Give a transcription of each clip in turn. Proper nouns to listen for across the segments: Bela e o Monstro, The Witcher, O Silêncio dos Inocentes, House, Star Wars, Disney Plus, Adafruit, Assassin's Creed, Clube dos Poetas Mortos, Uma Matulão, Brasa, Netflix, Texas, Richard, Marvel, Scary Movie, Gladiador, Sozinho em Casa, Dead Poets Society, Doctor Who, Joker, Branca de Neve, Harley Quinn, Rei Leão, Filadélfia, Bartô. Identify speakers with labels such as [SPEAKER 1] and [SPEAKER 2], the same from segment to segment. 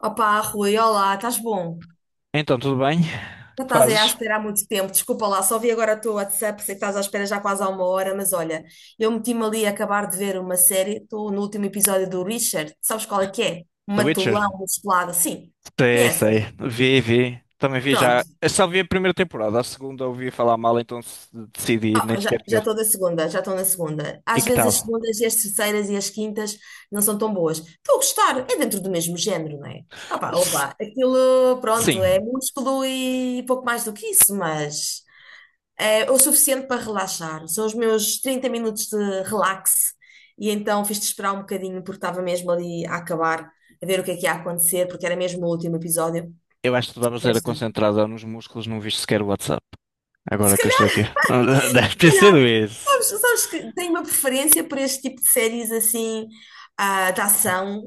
[SPEAKER 1] Opa, Rui, olá, estás bom?
[SPEAKER 2] Então, tudo bem?
[SPEAKER 1] Já
[SPEAKER 2] O que
[SPEAKER 1] estás aí à
[SPEAKER 2] fazes?
[SPEAKER 1] espera há muito tempo, desculpa lá, só vi agora o teu WhatsApp, sei que estás à espera já quase há uma hora, mas olha, eu meti-me ali a acabar de ver uma série, estou no último episódio do Richard, sabes qual é que é?
[SPEAKER 2] The
[SPEAKER 1] Uma
[SPEAKER 2] Witcher?
[SPEAKER 1] Matulão, uma Musculado, sim,
[SPEAKER 2] Sei, sei.
[SPEAKER 1] conheces?
[SPEAKER 2] Vi, vi. Também vi já.
[SPEAKER 1] Pronto,
[SPEAKER 2] Eu só vi a primeira temporada, a segunda ouvi falar mal, então decidi nem
[SPEAKER 1] ah,
[SPEAKER 2] sequer
[SPEAKER 1] já já
[SPEAKER 2] ver.
[SPEAKER 1] estou na segunda, já estou na segunda.
[SPEAKER 2] E
[SPEAKER 1] Às
[SPEAKER 2] que
[SPEAKER 1] vezes
[SPEAKER 2] tal?
[SPEAKER 1] as segundas e as terceiras e as quintas não são tão boas. Estou a gostar, é dentro do mesmo género, não é? Ah pá, ó
[SPEAKER 2] S-
[SPEAKER 1] lá, aquilo, pronto, é
[SPEAKER 2] sim.
[SPEAKER 1] músculo e pouco mais do que isso, mas é o suficiente para relaxar. São os meus 30 minutos de relax e então fiz-te esperar um bocadinho porque estava mesmo ali a acabar, a ver o que é que ia acontecer, porque era mesmo o último episódio.
[SPEAKER 2] Eu acho que tu estavas era
[SPEAKER 1] Mas,
[SPEAKER 2] concentrada nos músculos, não viste sequer o WhatsApp.
[SPEAKER 1] se
[SPEAKER 2] Agora que eu estou
[SPEAKER 1] calhar
[SPEAKER 2] aqui. Deve ter
[SPEAKER 1] Se
[SPEAKER 2] sido
[SPEAKER 1] calhar,
[SPEAKER 2] isso.
[SPEAKER 1] sabes que tenho uma preferência por este tipo de séries assim, ah, de ação,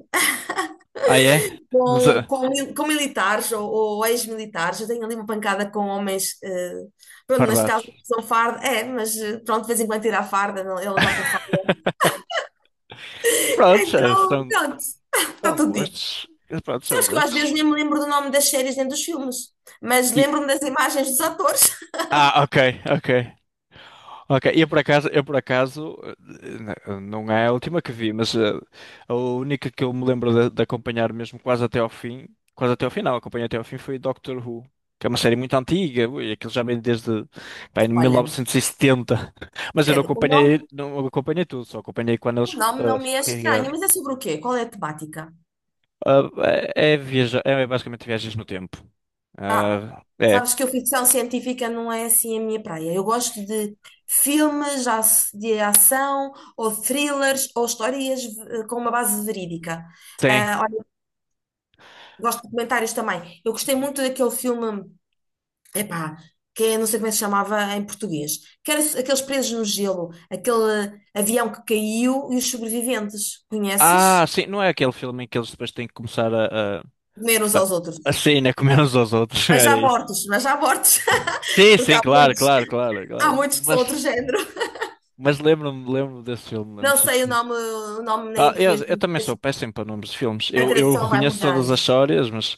[SPEAKER 2] Ah, é? Não sei.
[SPEAKER 1] com militares ou ex-militares. Eu tenho ali uma pancada com homens, pronto, neste caso
[SPEAKER 2] Pardados.
[SPEAKER 1] não são farda, é, mas pronto, de vez em quando tira a farda, ele não está com farda.
[SPEAKER 2] Prontos,
[SPEAKER 1] Então,
[SPEAKER 2] são,
[SPEAKER 1] pronto, está
[SPEAKER 2] são
[SPEAKER 1] tudo dito.
[SPEAKER 2] gostos. Prontos, são
[SPEAKER 1] Sabes que eu às
[SPEAKER 2] gostos.
[SPEAKER 1] vezes nem me lembro do nome das séries nem dos filmes, mas lembro-me das imagens dos atores.
[SPEAKER 2] Ah, ok, ok. Ok, eu por acaso, não é a última que vi, mas a única que eu me lembro de acompanhar mesmo quase até ao fim, quase até ao final, acompanhei até ao fim foi Doctor Who, que é uma série muito antiga, ui, aquilo já vem desde, pá, em
[SPEAKER 1] Olha,
[SPEAKER 2] 1970. Mas eu não
[SPEAKER 1] credo, o
[SPEAKER 2] acompanhei,
[SPEAKER 1] nome,
[SPEAKER 2] não acompanhei tudo, só acompanhei quando
[SPEAKER 1] o
[SPEAKER 2] eles
[SPEAKER 1] nome não me é estranho,
[SPEAKER 2] regravaram.
[SPEAKER 1] mas é sobre o quê? Qual é a temática?
[SPEAKER 2] Ah, é, é basicamente viagens no tempo.
[SPEAKER 1] Ah,
[SPEAKER 2] Ah, é,
[SPEAKER 1] sabes que a ficção científica não é assim a minha praia. Eu gosto de filmes de ação, ou thrillers, ou histórias com uma base verídica.
[SPEAKER 2] tem.
[SPEAKER 1] Ah, olha, gosto de comentários também. Eu gostei muito daquele filme, epá, que é, não sei como é que se chamava em português, que era aqueles presos no gelo, aquele avião que caiu e os sobreviventes.
[SPEAKER 2] Ah,
[SPEAKER 1] Conheces?
[SPEAKER 2] sim, não é aquele filme em que eles depois têm que começar a...
[SPEAKER 1] Comeram uns
[SPEAKER 2] Ah,
[SPEAKER 1] aos outros.
[SPEAKER 2] assim, né? Comendo uns aos outros, era isso.
[SPEAKER 1] Mas já mortos,
[SPEAKER 2] Sim,
[SPEAKER 1] porque
[SPEAKER 2] sim,
[SPEAKER 1] há
[SPEAKER 2] claro,
[SPEAKER 1] muitos,
[SPEAKER 2] claro, claro,
[SPEAKER 1] há
[SPEAKER 2] claro.
[SPEAKER 1] muitos que são
[SPEAKER 2] Mas,
[SPEAKER 1] outro género.
[SPEAKER 2] mas lembro-me desse filme, lembro-me,
[SPEAKER 1] Não
[SPEAKER 2] sim,
[SPEAKER 1] sei
[SPEAKER 2] senhor.
[SPEAKER 1] o nome nem
[SPEAKER 2] Ah,
[SPEAKER 1] em
[SPEAKER 2] eu,
[SPEAKER 1] português,
[SPEAKER 2] eu também
[SPEAKER 1] mas
[SPEAKER 2] sou péssimo para nomes de filmes.
[SPEAKER 1] a
[SPEAKER 2] Eu
[SPEAKER 1] tradução vai
[SPEAKER 2] reconheço todas
[SPEAKER 1] mudando.
[SPEAKER 2] as histórias, mas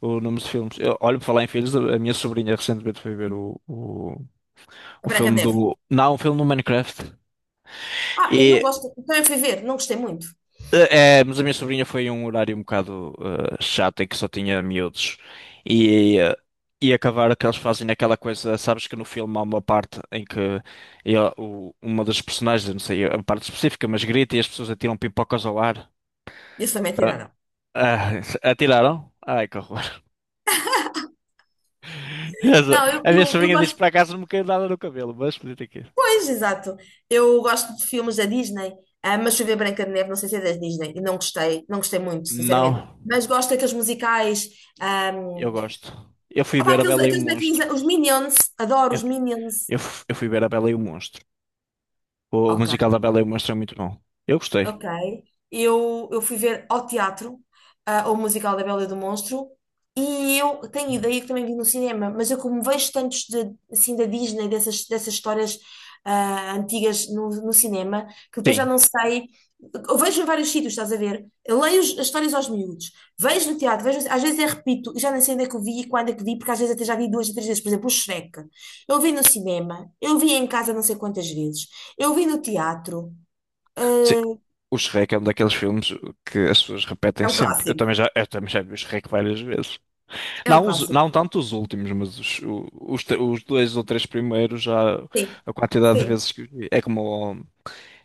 [SPEAKER 2] o nome de filmes. Eu, olho para falar em filhos, a minha sobrinha recentemente foi ver
[SPEAKER 1] A
[SPEAKER 2] o
[SPEAKER 1] Branca de
[SPEAKER 2] filme
[SPEAKER 1] Neve.
[SPEAKER 2] do. Não, o filme do Minecraft.
[SPEAKER 1] Ah, eu não
[SPEAKER 2] E
[SPEAKER 1] gosto. Também fui ver, não gostei muito.
[SPEAKER 2] É, mas a minha sobrinha foi um horário um bocado chato em que só tinha miúdos e, e acabar que eles fazem aquela coisa, sabes que no filme há uma parte em que uma das personagens, eu não sei a parte específica, mas grita e as pessoas atiram pipocas ao ar.
[SPEAKER 1] Isso sou
[SPEAKER 2] Tá?
[SPEAKER 1] mentira, não.
[SPEAKER 2] Ah, atiraram? Ai, que horror.
[SPEAKER 1] Não, eu,
[SPEAKER 2] A minha
[SPEAKER 1] eu, eu
[SPEAKER 2] sobrinha disse que
[SPEAKER 1] gosto.
[SPEAKER 2] para casa não me caiu nada no cabelo, mas podia ter caído.
[SPEAKER 1] Pois, exato. Eu gosto de filmes da Disney, ah, mas fui ver Branca de Neve, não sei se é da Disney, e não gostei, não gostei muito, sinceramente.
[SPEAKER 2] Não,
[SPEAKER 1] Mas gosto daqueles musicais. Ah,
[SPEAKER 2] eu gosto. Eu fui ver a
[SPEAKER 1] aqueles,
[SPEAKER 2] Bela e o
[SPEAKER 1] aqueles bonequinhos,
[SPEAKER 2] Monstro.
[SPEAKER 1] os Minions, adoro
[SPEAKER 2] Eu,
[SPEAKER 1] os Minions.
[SPEAKER 2] eu fui ver a Bela e o Monstro. O
[SPEAKER 1] Ok.
[SPEAKER 2] musical da Bela e o Monstro é muito bom. Eu gostei.
[SPEAKER 1] Ok. Eu fui ver ao teatro, ah, o musical da Bela e do Monstro, e eu tenho ideia que também vi no cinema, mas eu como vejo tantos de, assim, da Disney, dessas histórias ah, antigas no cinema, que depois já
[SPEAKER 2] Sim.
[SPEAKER 1] não sei. Eu vejo em vários sítios, estás a ver? Eu leio as histórias aos miúdos, vejo no teatro, vejo, às vezes eu repito, e já nem sei onde é que eu vi e quando é que vi, porque às vezes até já vi duas ou três vezes. Por exemplo, o Shrek. Eu vi no cinema, eu vi em casa não sei quantas vezes, eu vi no teatro.
[SPEAKER 2] Sim.
[SPEAKER 1] Ah,
[SPEAKER 2] O Shrek é um daqueles filmes que as pessoas repetem
[SPEAKER 1] é um
[SPEAKER 2] sempre. Eu
[SPEAKER 1] clássico.
[SPEAKER 2] também já, eu também já vi o Shrek várias vezes.
[SPEAKER 1] É um
[SPEAKER 2] Não,
[SPEAKER 1] clássico.
[SPEAKER 2] não tanto os últimos, mas os dois ou três primeiros já
[SPEAKER 1] Sim.
[SPEAKER 2] a quantidade de
[SPEAKER 1] Sim.
[SPEAKER 2] vezes que vi.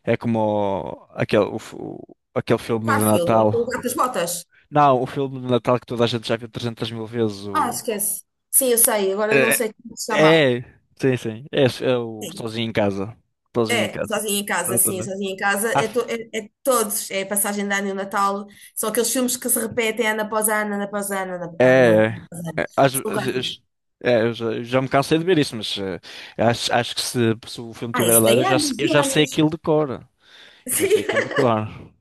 [SPEAKER 2] É como aquele, aquele
[SPEAKER 1] O
[SPEAKER 2] filme de
[SPEAKER 1] Garfield, o
[SPEAKER 2] Natal.
[SPEAKER 1] gato das botas.
[SPEAKER 2] Não, o filme de Natal que toda a gente já viu 300 mil vezes.
[SPEAKER 1] Ah,
[SPEAKER 2] O...
[SPEAKER 1] esquece. Sim, eu sei. Agora eu não
[SPEAKER 2] É,
[SPEAKER 1] sei como se chama.
[SPEAKER 2] é, sim, sim. É o
[SPEAKER 1] Sim.
[SPEAKER 2] Sozinho em Casa. Sozinho em
[SPEAKER 1] É,
[SPEAKER 2] Casa.
[SPEAKER 1] sozinho em casa, sim,
[SPEAKER 2] Exatamente.
[SPEAKER 1] sozinho em casa.
[SPEAKER 2] Ah,
[SPEAKER 1] É, é todos. É a passagem de ano e o Natal. São aqueles filmes que se repetem ano após ano, ano após ano, ano
[SPEAKER 2] é,
[SPEAKER 1] após ano. Ano após
[SPEAKER 2] é,
[SPEAKER 1] ano.
[SPEAKER 2] é, às
[SPEAKER 1] São clássicos.
[SPEAKER 2] vezes- é, eu já me cansei de ver isso, mas acho que se o filme
[SPEAKER 1] Ah,
[SPEAKER 2] tiver a
[SPEAKER 1] isso
[SPEAKER 2] dar, eu
[SPEAKER 1] tem
[SPEAKER 2] já, se-
[SPEAKER 1] anos
[SPEAKER 2] eu
[SPEAKER 1] e
[SPEAKER 2] já sei
[SPEAKER 1] anos.
[SPEAKER 2] aquilo de cor. Eu já sei aquilo de cor.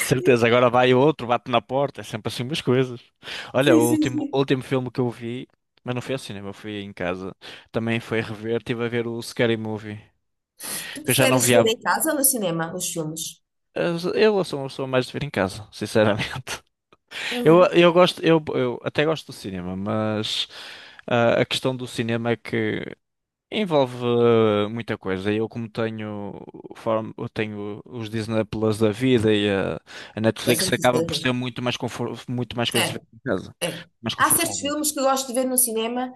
[SPEAKER 2] De certeza, agora vai outro, bate na porta, é sempre assim umas coisas. Olha,
[SPEAKER 1] Sim,
[SPEAKER 2] o
[SPEAKER 1] sim, sim,
[SPEAKER 2] último, o
[SPEAKER 1] sim.
[SPEAKER 2] último filme que eu vi, mas não foi ao cinema, fui em casa. Também foi rever, estive a ver o Scary Movie,
[SPEAKER 1] Tu
[SPEAKER 2] que eu já não
[SPEAKER 1] preferes
[SPEAKER 2] via.
[SPEAKER 1] ver em casa ou no cinema os filmes?
[SPEAKER 2] Eu sou uma pessoa mais de ver em casa, sinceramente. Eu,
[SPEAKER 1] Uhum.
[SPEAKER 2] eu gosto, eu, eu até gosto do cinema, mas a questão do cinema é que envolve muita coisa. Eu como tenho eu tenho os Disney Plus da vida e a
[SPEAKER 1] Gostas
[SPEAKER 2] Netflix
[SPEAKER 1] dessas
[SPEAKER 2] acaba por
[SPEAKER 1] coisas?
[SPEAKER 2] ser muito mais muito mais coisas a
[SPEAKER 1] É.
[SPEAKER 2] ver em casa,
[SPEAKER 1] É.
[SPEAKER 2] mais
[SPEAKER 1] Há certos
[SPEAKER 2] confortável.
[SPEAKER 1] filmes que eu gosto de ver no cinema,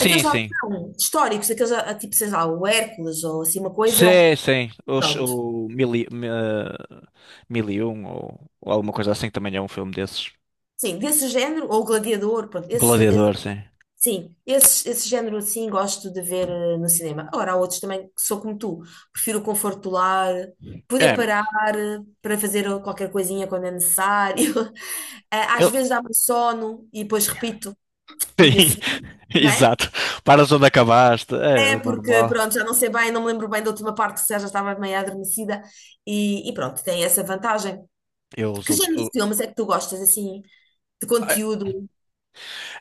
[SPEAKER 1] aqueles lá que
[SPEAKER 2] sim.
[SPEAKER 1] são históricos, aqueles ah, tipo, sei lá, o Hércules ou assim, uma coisa,
[SPEAKER 2] Sim, sim. Os,
[SPEAKER 1] pronto.
[SPEAKER 2] o mil e, mil e um ou alguma coisa assim que também é um filme desses.
[SPEAKER 1] Sim, desse género, ou o Gladiador, pronto,
[SPEAKER 2] Gladiador, sim.
[SPEAKER 1] sim, esse género assim gosto de ver no cinema. Agora, há outros também que sou como tu, prefiro o conforto do lar, poder
[SPEAKER 2] É,
[SPEAKER 1] parar para fazer qualquer coisinha quando é necessário. Ah, às
[SPEAKER 2] eu,
[SPEAKER 1] vezes dá-me sono e depois repito no dia
[SPEAKER 2] sim,
[SPEAKER 1] seguinte, não é?
[SPEAKER 2] exato. Paras onde acabaste, é
[SPEAKER 1] É,
[SPEAKER 2] o
[SPEAKER 1] porque
[SPEAKER 2] normal.
[SPEAKER 1] pronto, já não sei bem, não me lembro bem da última parte, se já estava meio adormecida e pronto, tem essa vantagem.
[SPEAKER 2] Eu, os
[SPEAKER 1] Que
[SPEAKER 2] ulti-
[SPEAKER 1] género
[SPEAKER 2] o-
[SPEAKER 1] de filmes é que tu gostas, assim, de
[SPEAKER 2] eh,
[SPEAKER 1] conteúdo?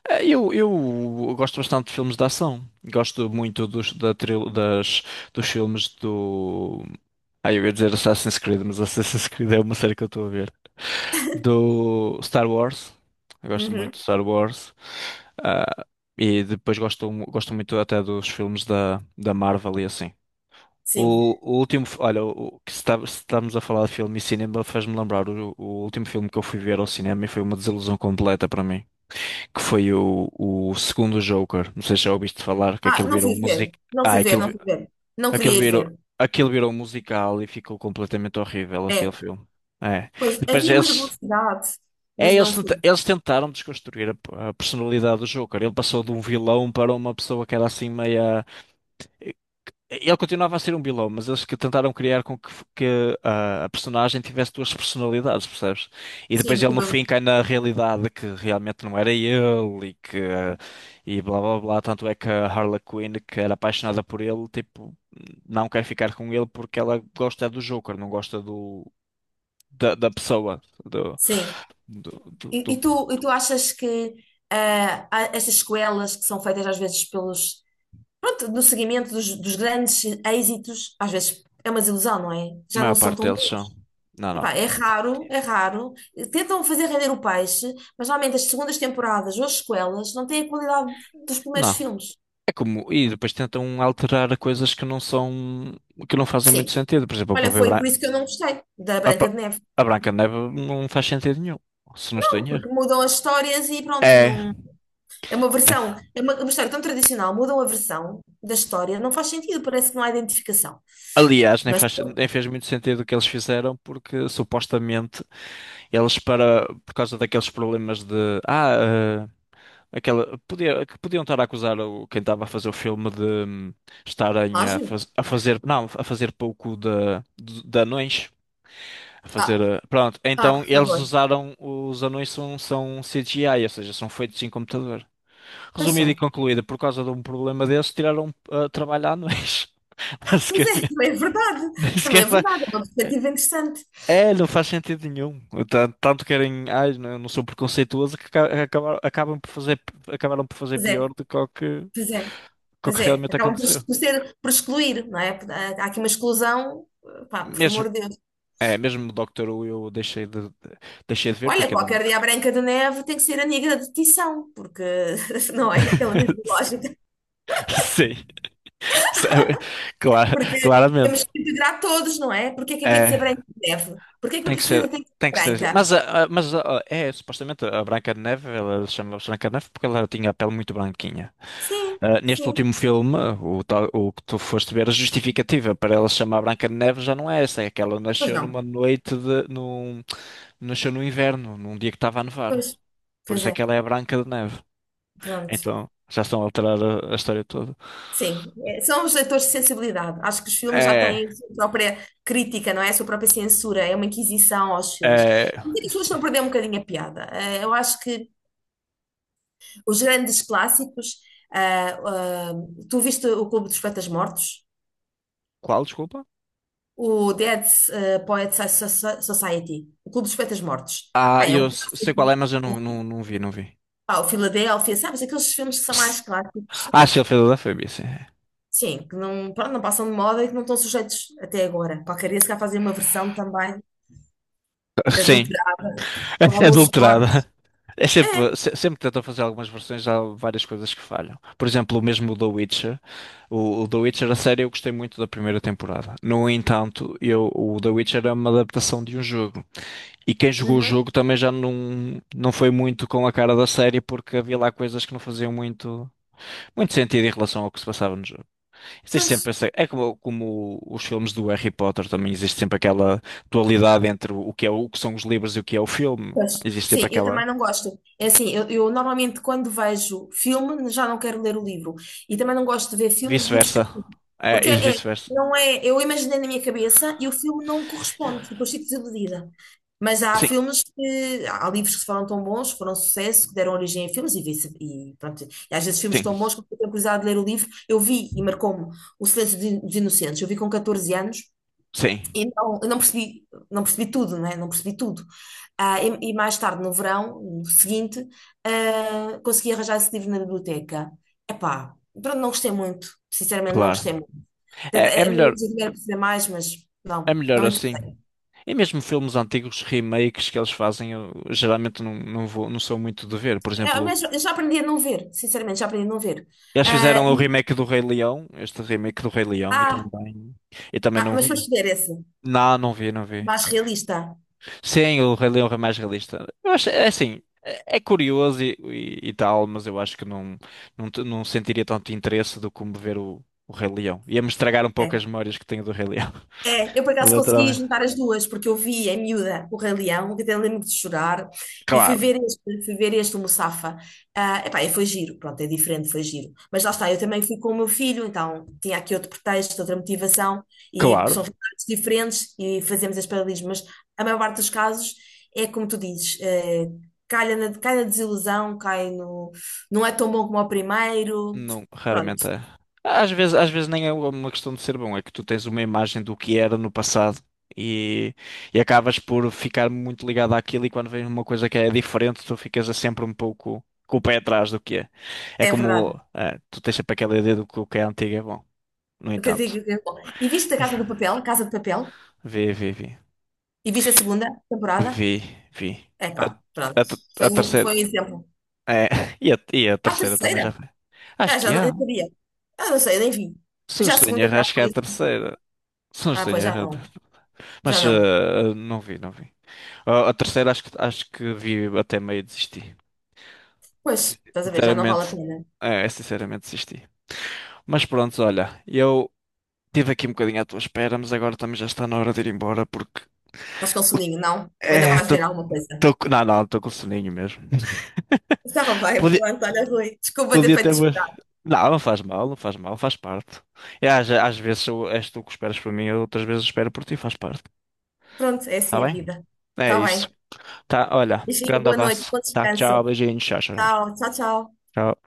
[SPEAKER 2] eh, eu gosto bastante de filmes de ação. Gosto muito dos, da, tril- das, dos filmes do. Ah, eu ia dizer Assassin's Creed, mas Assassin's Creed é uma série que eu estou a ver. Do Star Wars. Eu gosto muito
[SPEAKER 1] Uhum,
[SPEAKER 2] de Star Wars. Ah, e depois gosto muito até dos filmes da Marvel e assim.
[SPEAKER 1] sim.
[SPEAKER 2] Olha, o que se estamos a falar de filme e cinema faz-me lembrar o último filme que eu fui ver ao cinema e foi uma desilusão completa para mim, que foi o segundo Joker. Não sei se já ouviste falar, que
[SPEAKER 1] Ah,
[SPEAKER 2] aquilo
[SPEAKER 1] não
[SPEAKER 2] virou
[SPEAKER 1] fui ver,
[SPEAKER 2] música.
[SPEAKER 1] não
[SPEAKER 2] Ah,
[SPEAKER 1] fui ver,
[SPEAKER 2] aquilo,
[SPEAKER 1] não fui ver. Não
[SPEAKER 2] Aquilo
[SPEAKER 1] queria ir
[SPEAKER 2] virou,
[SPEAKER 1] ver.
[SPEAKER 2] aquilo virou um musical e ficou completamente horrível aquele
[SPEAKER 1] É,
[SPEAKER 2] filme. É.
[SPEAKER 1] pois,
[SPEAKER 2] E depois
[SPEAKER 1] havia muita
[SPEAKER 2] eles,
[SPEAKER 1] publicidade,
[SPEAKER 2] é,
[SPEAKER 1] mas
[SPEAKER 2] eles,
[SPEAKER 1] não
[SPEAKER 2] tenta-
[SPEAKER 1] fui.
[SPEAKER 2] Eles tentaram desconstruir a personalidade do Joker. Ele passou de um vilão para uma pessoa que era assim meia. Ele continuava a ser um vilão, mas eles que tentaram criar com que a personagem tivesse duas personalidades, percebes? E depois
[SPEAKER 1] Sim,
[SPEAKER 2] ele no
[SPEAKER 1] tipo,
[SPEAKER 2] fim cai na realidade que realmente não era ele e que e blá blá blá. Tanto é que a Harley Quinn, que era apaixonada por ele, tipo, não quer ficar com ele porque ela gosta do Joker, não gosta da pessoa,
[SPEAKER 1] sim.
[SPEAKER 2] do, do,
[SPEAKER 1] E, e
[SPEAKER 2] do-
[SPEAKER 1] tu, e tu achas que ah, há essas sequelas que são feitas às vezes pelos, pronto, no seguimento dos grandes êxitos, às vezes é uma desilusão, não é? Já não
[SPEAKER 2] maior
[SPEAKER 1] são
[SPEAKER 2] parte
[SPEAKER 1] tão
[SPEAKER 2] deles são.
[SPEAKER 1] bons.
[SPEAKER 2] Não, não.
[SPEAKER 1] Epá, é raro, é raro. Tentam fazer render o peixe, mas normalmente as segundas temporadas ou as sequelas não têm a qualidade dos primeiros
[SPEAKER 2] Não.
[SPEAKER 1] filmes.
[SPEAKER 2] É como, e depois tentam alterar coisas que não são, que não fazem muito
[SPEAKER 1] Sim.
[SPEAKER 2] sentido. Por exemplo, a
[SPEAKER 1] Olha,
[SPEAKER 2] própria
[SPEAKER 1] foi
[SPEAKER 2] Bran-
[SPEAKER 1] por isso que eu não gostei da
[SPEAKER 2] a,
[SPEAKER 1] Branca
[SPEAKER 2] pa-
[SPEAKER 1] de Neve.
[SPEAKER 2] a Branca de Neve não faz sentido nenhum, se não estou
[SPEAKER 1] Não,
[SPEAKER 2] em erro.
[SPEAKER 1] porque mudam as histórias e pronto, e
[SPEAKER 2] É,
[SPEAKER 1] não. É uma
[SPEAKER 2] né?
[SPEAKER 1] versão, é uma história tão tradicional, mudam a versão da história, não faz sentido, parece que não há identificação.
[SPEAKER 2] Aliás, nem
[SPEAKER 1] Mas,
[SPEAKER 2] faz,
[SPEAKER 1] pronto,
[SPEAKER 2] nem fez muito sentido o que eles fizeram, porque supostamente por causa daqueles problemas de, ah, que podiam estar a acusar quem estava a fazer o filme de, estarem a,
[SPEAKER 1] plágio?
[SPEAKER 2] faz- a fazer, não, a fazer pouco de anões. A fazer.
[SPEAKER 1] Ah,
[SPEAKER 2] Pronto,
[SPEAKER 1] ah,
[SPEAKER 2] então
[SPEAKER 1] por
[SPEAKER 2] eles
[SPEAKER 1] favor.
[SPEAKER 2] usaram. Os anões são CGI, ou seja, são feitos em computador. Resumido e
[SPEAKER 1] Paixão.
[SPEAKER 2] concluído, por causa de um problema desses, tiraram trabalho a anões.
[SPEAKER 1] Pois é,
[SPEAKER 2] Basicamente.
[SPEAKER 1] também é verdade.
[SPEAKER 2] Nem
[SPEAKER 1] Também
[SPEAKER 2] sequer
[SPEAKER 1] é
[SPEAKER 2] fa...
[SPEAKER 1] verdade. É uma perspectiva interessante.
[SPEAKER 2] É, não faz sentido nenhum. Tanto querem. Ai, não, eu não sou preconceituoso que acabam por fazer, acabaram por fazer
[SPEAKER 1] Pois
[SPEAKER 2] pior
[SPEAKER 1] é,
[SPEAKER 2] do
[SPEAKER 1] pois é,
[SPEAKER 2] que o
[SPEAKER 1] pois
[SPEAKER 2] que
[SPEAKER 1] é.
[SPEAKER 2] realmente
[SPEAKER 1] Acabam por,
[SPEAKER 2] aconteceu.
[SPEAKER 1] por ser, por excluir, não é? Há aqui uma exclusão, pá, por
[SPEAKER 2] Mesmo,
[SPEAKER 1] amor de Deus.
[SPEAKER 2] mesmo o Doctor Who eu deixei deixei de ver porque
[SPEAKER 1] Olha,
[SPEAKER 2] aquilo é.
[SPEAKER 1] qualquer dia a Branca de Neve tem que ser a negra de Tição, porque, não é? Pela mesma lógica.
[SPEAKER 2] Sim. Sabe? Claro,
[SPEAKER 1] Porque temos
[SPEAKER 2] claramente.
[SPEAKER 1] que integrar todos, não é? Porque é que havia de ser
[SPEAKER 2] É,
[SPEAKER 1] Branca de Neve? Porque é que a
[SPEAKER 2] tem que ser,
[SPEAKER 1] princesa tem que ser
[SPEAKER 2] tem que ser assim.
[SPEAKER 1] branca?
[SPEAKER 2] Supostamente a Branca de Neve, ela chama se Branca de Neve porque ela tinha a pele muito branquinha.
[SPEAKER 1] Sim,
[SPEAKER 2] Ah, neste
[SPEAKER 1] sim.
[SPEAKER 2] último filme, o que tu foste ver, a justificativa para ela se chamar Branca de Neve já não é essa, é que ela
[SPEAKER 1] Pois
[SPEAKER 2] nasceu
[SPEAKER 1] não.
[SPEAKER 2] numa noite nasceu no inverno, num dia que estava a
[SPEAKER 1] Pois,
[SPEAKER 2] nevar. Por
[SPEAKER 1] pois
[SPEAKER 2] isso é
[SPEAKER 1] é.
[SPEAKER 2] que ela é a Branca de Neve.
[SPEAKER 1] Pronto.
[SPEAKER 2] Então, já estão a alterar a história toda.
[SPEAKER 1] Sim, é, são os leitores de sensibilidade. Acho que os filmes já
[SPEAKER 2] É,
[SPEAKER 1] têm a sua própria crítica, não é? A sua própria censura, é uma inquisição aos filmes.
[SPEAKER 2] é,
[SPEAKER 1] E as pessoas estão a perder um bocadinho a piada. Eu acho que os grandes clássicos, ah, ah, tu viste o Clube dos Poetas Mortos?
[SPEAKER 2] qual, desculpa?
[SPEAKER 1] O Dead Poets Society, o Clube dos Poetas Mortos.
[SPEAKER 2] Ah,
[SPEAKER 1] Pá, é
[SPEAKER 2] eu
[SPEAKER 1] um
[SPEAKER 2] sei qual é,
[SPEAKER 1] clássico.
[SPEAKER 2] mas eu não vi.
[SPEAKER 1] Pá, o Filadélfia, sabes? Aqueles filmes que são mais clássicos.
[SPEAKER 2] Ah, se ele fez Adafruit, sim.
[SPEAKER 1] Sim, que não, pronto, não passam de moda e que não estão sujeitos até agora. Qualquer dia se calhar fazem uma versão também
[SPEAKER 2] Sim,
[SPEAKER 1] adulterado com alguns
[SPEAKER 2] adulterada.
[SPEAKER 1] cortes.
[SPEAKER 2] É
[SPEAKER 1] É.
[SPEAKER 2] sempre, sempre tentam fazer algumas versões, há várias coisas que falham. Por exemplo, o mesmo The Witcher. O The Witcher, a série, eu gostei muito da primeira temporada. No entanto, eu, o The Witcher é uma adaptação de um jogo. E quem jogou o
[SPEAKER 1] Uhum.
[SPEAKER 2] jogo também já não foi muito com a cara da série, porque havia lá coisas que não faziam muito sentido em relação ao que se passava no jogo. Existe sempre
[SPEAKER 1] Pois,
[SPEAKER 2] essa, é como os filmes do Harry Potter também existe sempre aquela dualidade entre o que é o que são os livros e o que é o filme.
[SPEAKER 1] pois.
[SPEAKER 2] Existe sempre
[SPEAKER 1] Sim, eu
[SPEAKER 2] aquela
[SPEAKER 1] também não gosto. É assim, eu normalmente quando vejo filme já não quero ler o livro. E também não gosto de ver filmes de livros que
[SPEAKER 2] vice-versa.
[SPEAKER 1] eu li.
[SPEAKER 2] É,
[SPEAKER 1] Porque
[SPEAKER 2] e
[SPEAKER 1] é,
[SPEAKER 2] vice-versa.
[SPEAKER 1] não é, eu imaginei na minha cabeça e o filme não corresponde, depois fico desiludida. Mas há
[SPEAKER 2] Sim,
[SPEAKER 1] filmes que, há livros que foram tão bons, que foram um sucesso, que deram origem a filmes e vice, e pronto. E às vezes filmes
[SPEAKER 2] sim,
[SPEAKER 1] tão bons que eu tenho curiosidade de ler o livro. Eu vi e marcou-me O Silêncio dos Inocentes. Eu vi com 14 anos.
[SPEAKER 2] sim,
[SPEAKER 1] E não, eu não percebi, não percebi tudo, né? Não percebi tudo. Ah, e mais tarde, no verão, no seguinte, ah, consegui arranjar esse livro na biblioteca. Epá, pronto, não gostei muito. Sinceramente, não
[SPEAKER 2] claro.
[SPEAKER 1] gostei muito.
[SPEAKER 2] É, é
[SPEAKER 1] A minha
[SPEAKER 2] melhor,
[SPEAKER 1] objetivo era perceber mais, mas
[SPEAKER 2] é
[SPEAKER 1] não,
[SPEAKER 2] melhor
[SPEAKER 1] não me
[SPEAKER 2] assim.
[SPEAKER 1] interessei.
[SPEAKER 2] E mesmo filmes antigos, remakes que eles fazem, eu geralmente não vou, não sou muito de ver. Por
[SPEAKER 1] É,
[SPEAKER 2] exemplo,
[SPEAKER 1] mas eu já aprendi a não ver, sinceramente, já aprendi a não ver.
[SPEAKER 2] eles
[SPEAKER 1] Ah,
[SPEAKER 2] fizeram o remake do Rei Leão, este remake do Rei Leão,
[SPEAKER 1] ah,
[SPEAKER 2] e também
[SPEAKER 1] ah,
[SPEAKER 2] não
[SPEAKER 1] mas
[SPEAKER 2] vi.
[SPEAKER 1] foste ver esse,
[SPEAKER 2] Não, não vi.
[SPEAKER 1] mais realista.
[SPEAKER 2] Sim, o Rei Leão é mais realista. Eu acho, é assim, é curioso e tal, mas eu acho que não sentiria tanto interesse do como ver o Rei Leão. Ia-me estragar um pouco
[SPEAKER 1] É.
[SPEAKER 2] as memórias que tenho do Rei Leão.
[SPEAKER 1] É, eu por acaso consegui
[SPEAKER 2] Literalmente.
[SPEAKER 1] juntar as duas, porque eu vi em miúda o Rei Leão, que até lembro de chorar, e fui
[SPEAKER 2] Claro,
[SPEAKER 1] ver este, fui ver este o Mufasa. Ah, epá, e foi giro, pronto, é diferente, foi giro. Mas lá está, eu também fui com o meu filho, então tinha aqui outro pretexto, outra motivação, e
[SPEAKER 2] claro.
[SPEAKER 1] são realidades diferentes e fazemos as paralelas, mas a maior parte dos casos é como tu dizes, calha na, cai na desilusão, cai no. Não é tão bom como o primeiro.
[SPEAKER 2] Não, raramente
[SPEAKER 1] Pronto,
[SPEAKER 2] é. Às vezes nem é uma questão de ser bom, é que tu tens uma imagem do que era no passado e, e acabas por ficar muito ligado àquilo e quando vem uma coisa que é diferente, tu ficas sempre um pouco com o pé atrás do que é. É
[SPEAKER 1] é verdade.
[SPEAKER 2] como, tu tens sempre aquela ideia do que o que é antigo é bom. No
[SPEAKER 1] O que eu digo
[SPEAKER 2] entanto,
[SPEAKER 1] é que é bom. E viste a Casa do Papel? Casa de Papel?
[SPEAKER 2] vi, vi, vi,
[SPEAKER 1] E viste a segunda temporada?
[SPEAKER 2] vi, vi.
[SPEAKER 1] Epá, pronto.
[SPEAKER 2] A
[SPEAKER 1] Foi um,
[SPEAKER 2] terceira,
[SPEAKER 1] foi um exemplo.
[SPEAKER 2] é, e a
[SPEAKER 1] A
[SPEAKER 2] terceira também
[SPEAKER 1] terceira?
[SPEAKER 2] já foi. Acho
[SPEAKER 1] Ah, já
[SPEAKER 2] que
[SPEAKER 1] não,
[SPEAKER 2] há.
[SPEAKER 1] eu sabia. Ah, não sei, nem vi.
[SPEAKER 2] Se não
[SPEAKER 1] Já a
[SPEAKER 2] estou em
[SPEAKER 1] segunda
[SPEAKER 2] erro,
[SPEAKER 1] já
[SPEAKER 2] acho que é
[SPEAKER 1] foi
[SPEAKER 2] a
[SPEAKER 1] assim.
[SPEAKER 2] terceira. Se não
[SPEAKER 1] Ah,
[SPEAKER 2] estou em
[SPEAKER 1] pois já
[SPEAKER 2] erro,
[SPEAKER 1] não. Já
[SPEAKER 2] mas
[SPEAKER 1] não.
[SPEAKER 2] não vi. A terceira acho que vi até meio e desisti.
[SPEAKER 1] Pois,
[SPEAKER 2] Desisti.
[SPEAKER 1] estás a ver, já não vale a
[SPEAKER 2] Sinceramente,
[SPEAKER 1] pena.
[SPEAKER 2] sinceramente desisti. Mas pronto, olha, eu tive aqui um bocadinho à tua espera, mas agora também já está na hora de ir embora porque
[SPEAKER 1] Estás com soninho, não? Ou ainda
[SPEAKER 2] é,
[SPEAKER 1] vais
[SPEAKER 2] tô,
[SPEAKER 1] ver alguma coisa?
[SPEAKER 2] não, não, estou com soninho mesmo.
[SPEAKER 1] Estava bem,
[SPEAKER 2] Podia,
[SPEAKER 1] pronto, olha, Rui. Desculpa ter
[SPEAKER 2] podia
[SPEAKER 1] feito
[SPEAKER 2] ter mais...
[SPEAKER 1] esperar.
[SPEAKER 2] Não, não faz mal, não faz mal, faz parte. E às vezes és tu que esperas por mim, outras vezes eu espero por ti, faz parte.
[SPEAKER 1] Pronto, é
[SPEAKER 2] Tá
[SPEAKER 1] assim a
[SPEAKER 2] bem?
[SPEAKER 1] vida.
[SPEAKER 2] É
[SPEAKER 1] Está bem.
[SPEAKER 2] isso. Tá, olha,
[SPEAKER 1] Beijinho,
[SPEAKER 2] grande
[SPEAKER 1] boa noite,
[SPEAKER 2] abraço.
[SPEAKER 1] bom
[SPEAKER 2] Tá, tchau,
[SPEAKER 1] descanso.
[SPEAKER 2] beijinhos, tchau, tchau,
[SPEAKER 1] Tchau, tchau, tchau.
[SPEAKER 2] tchau.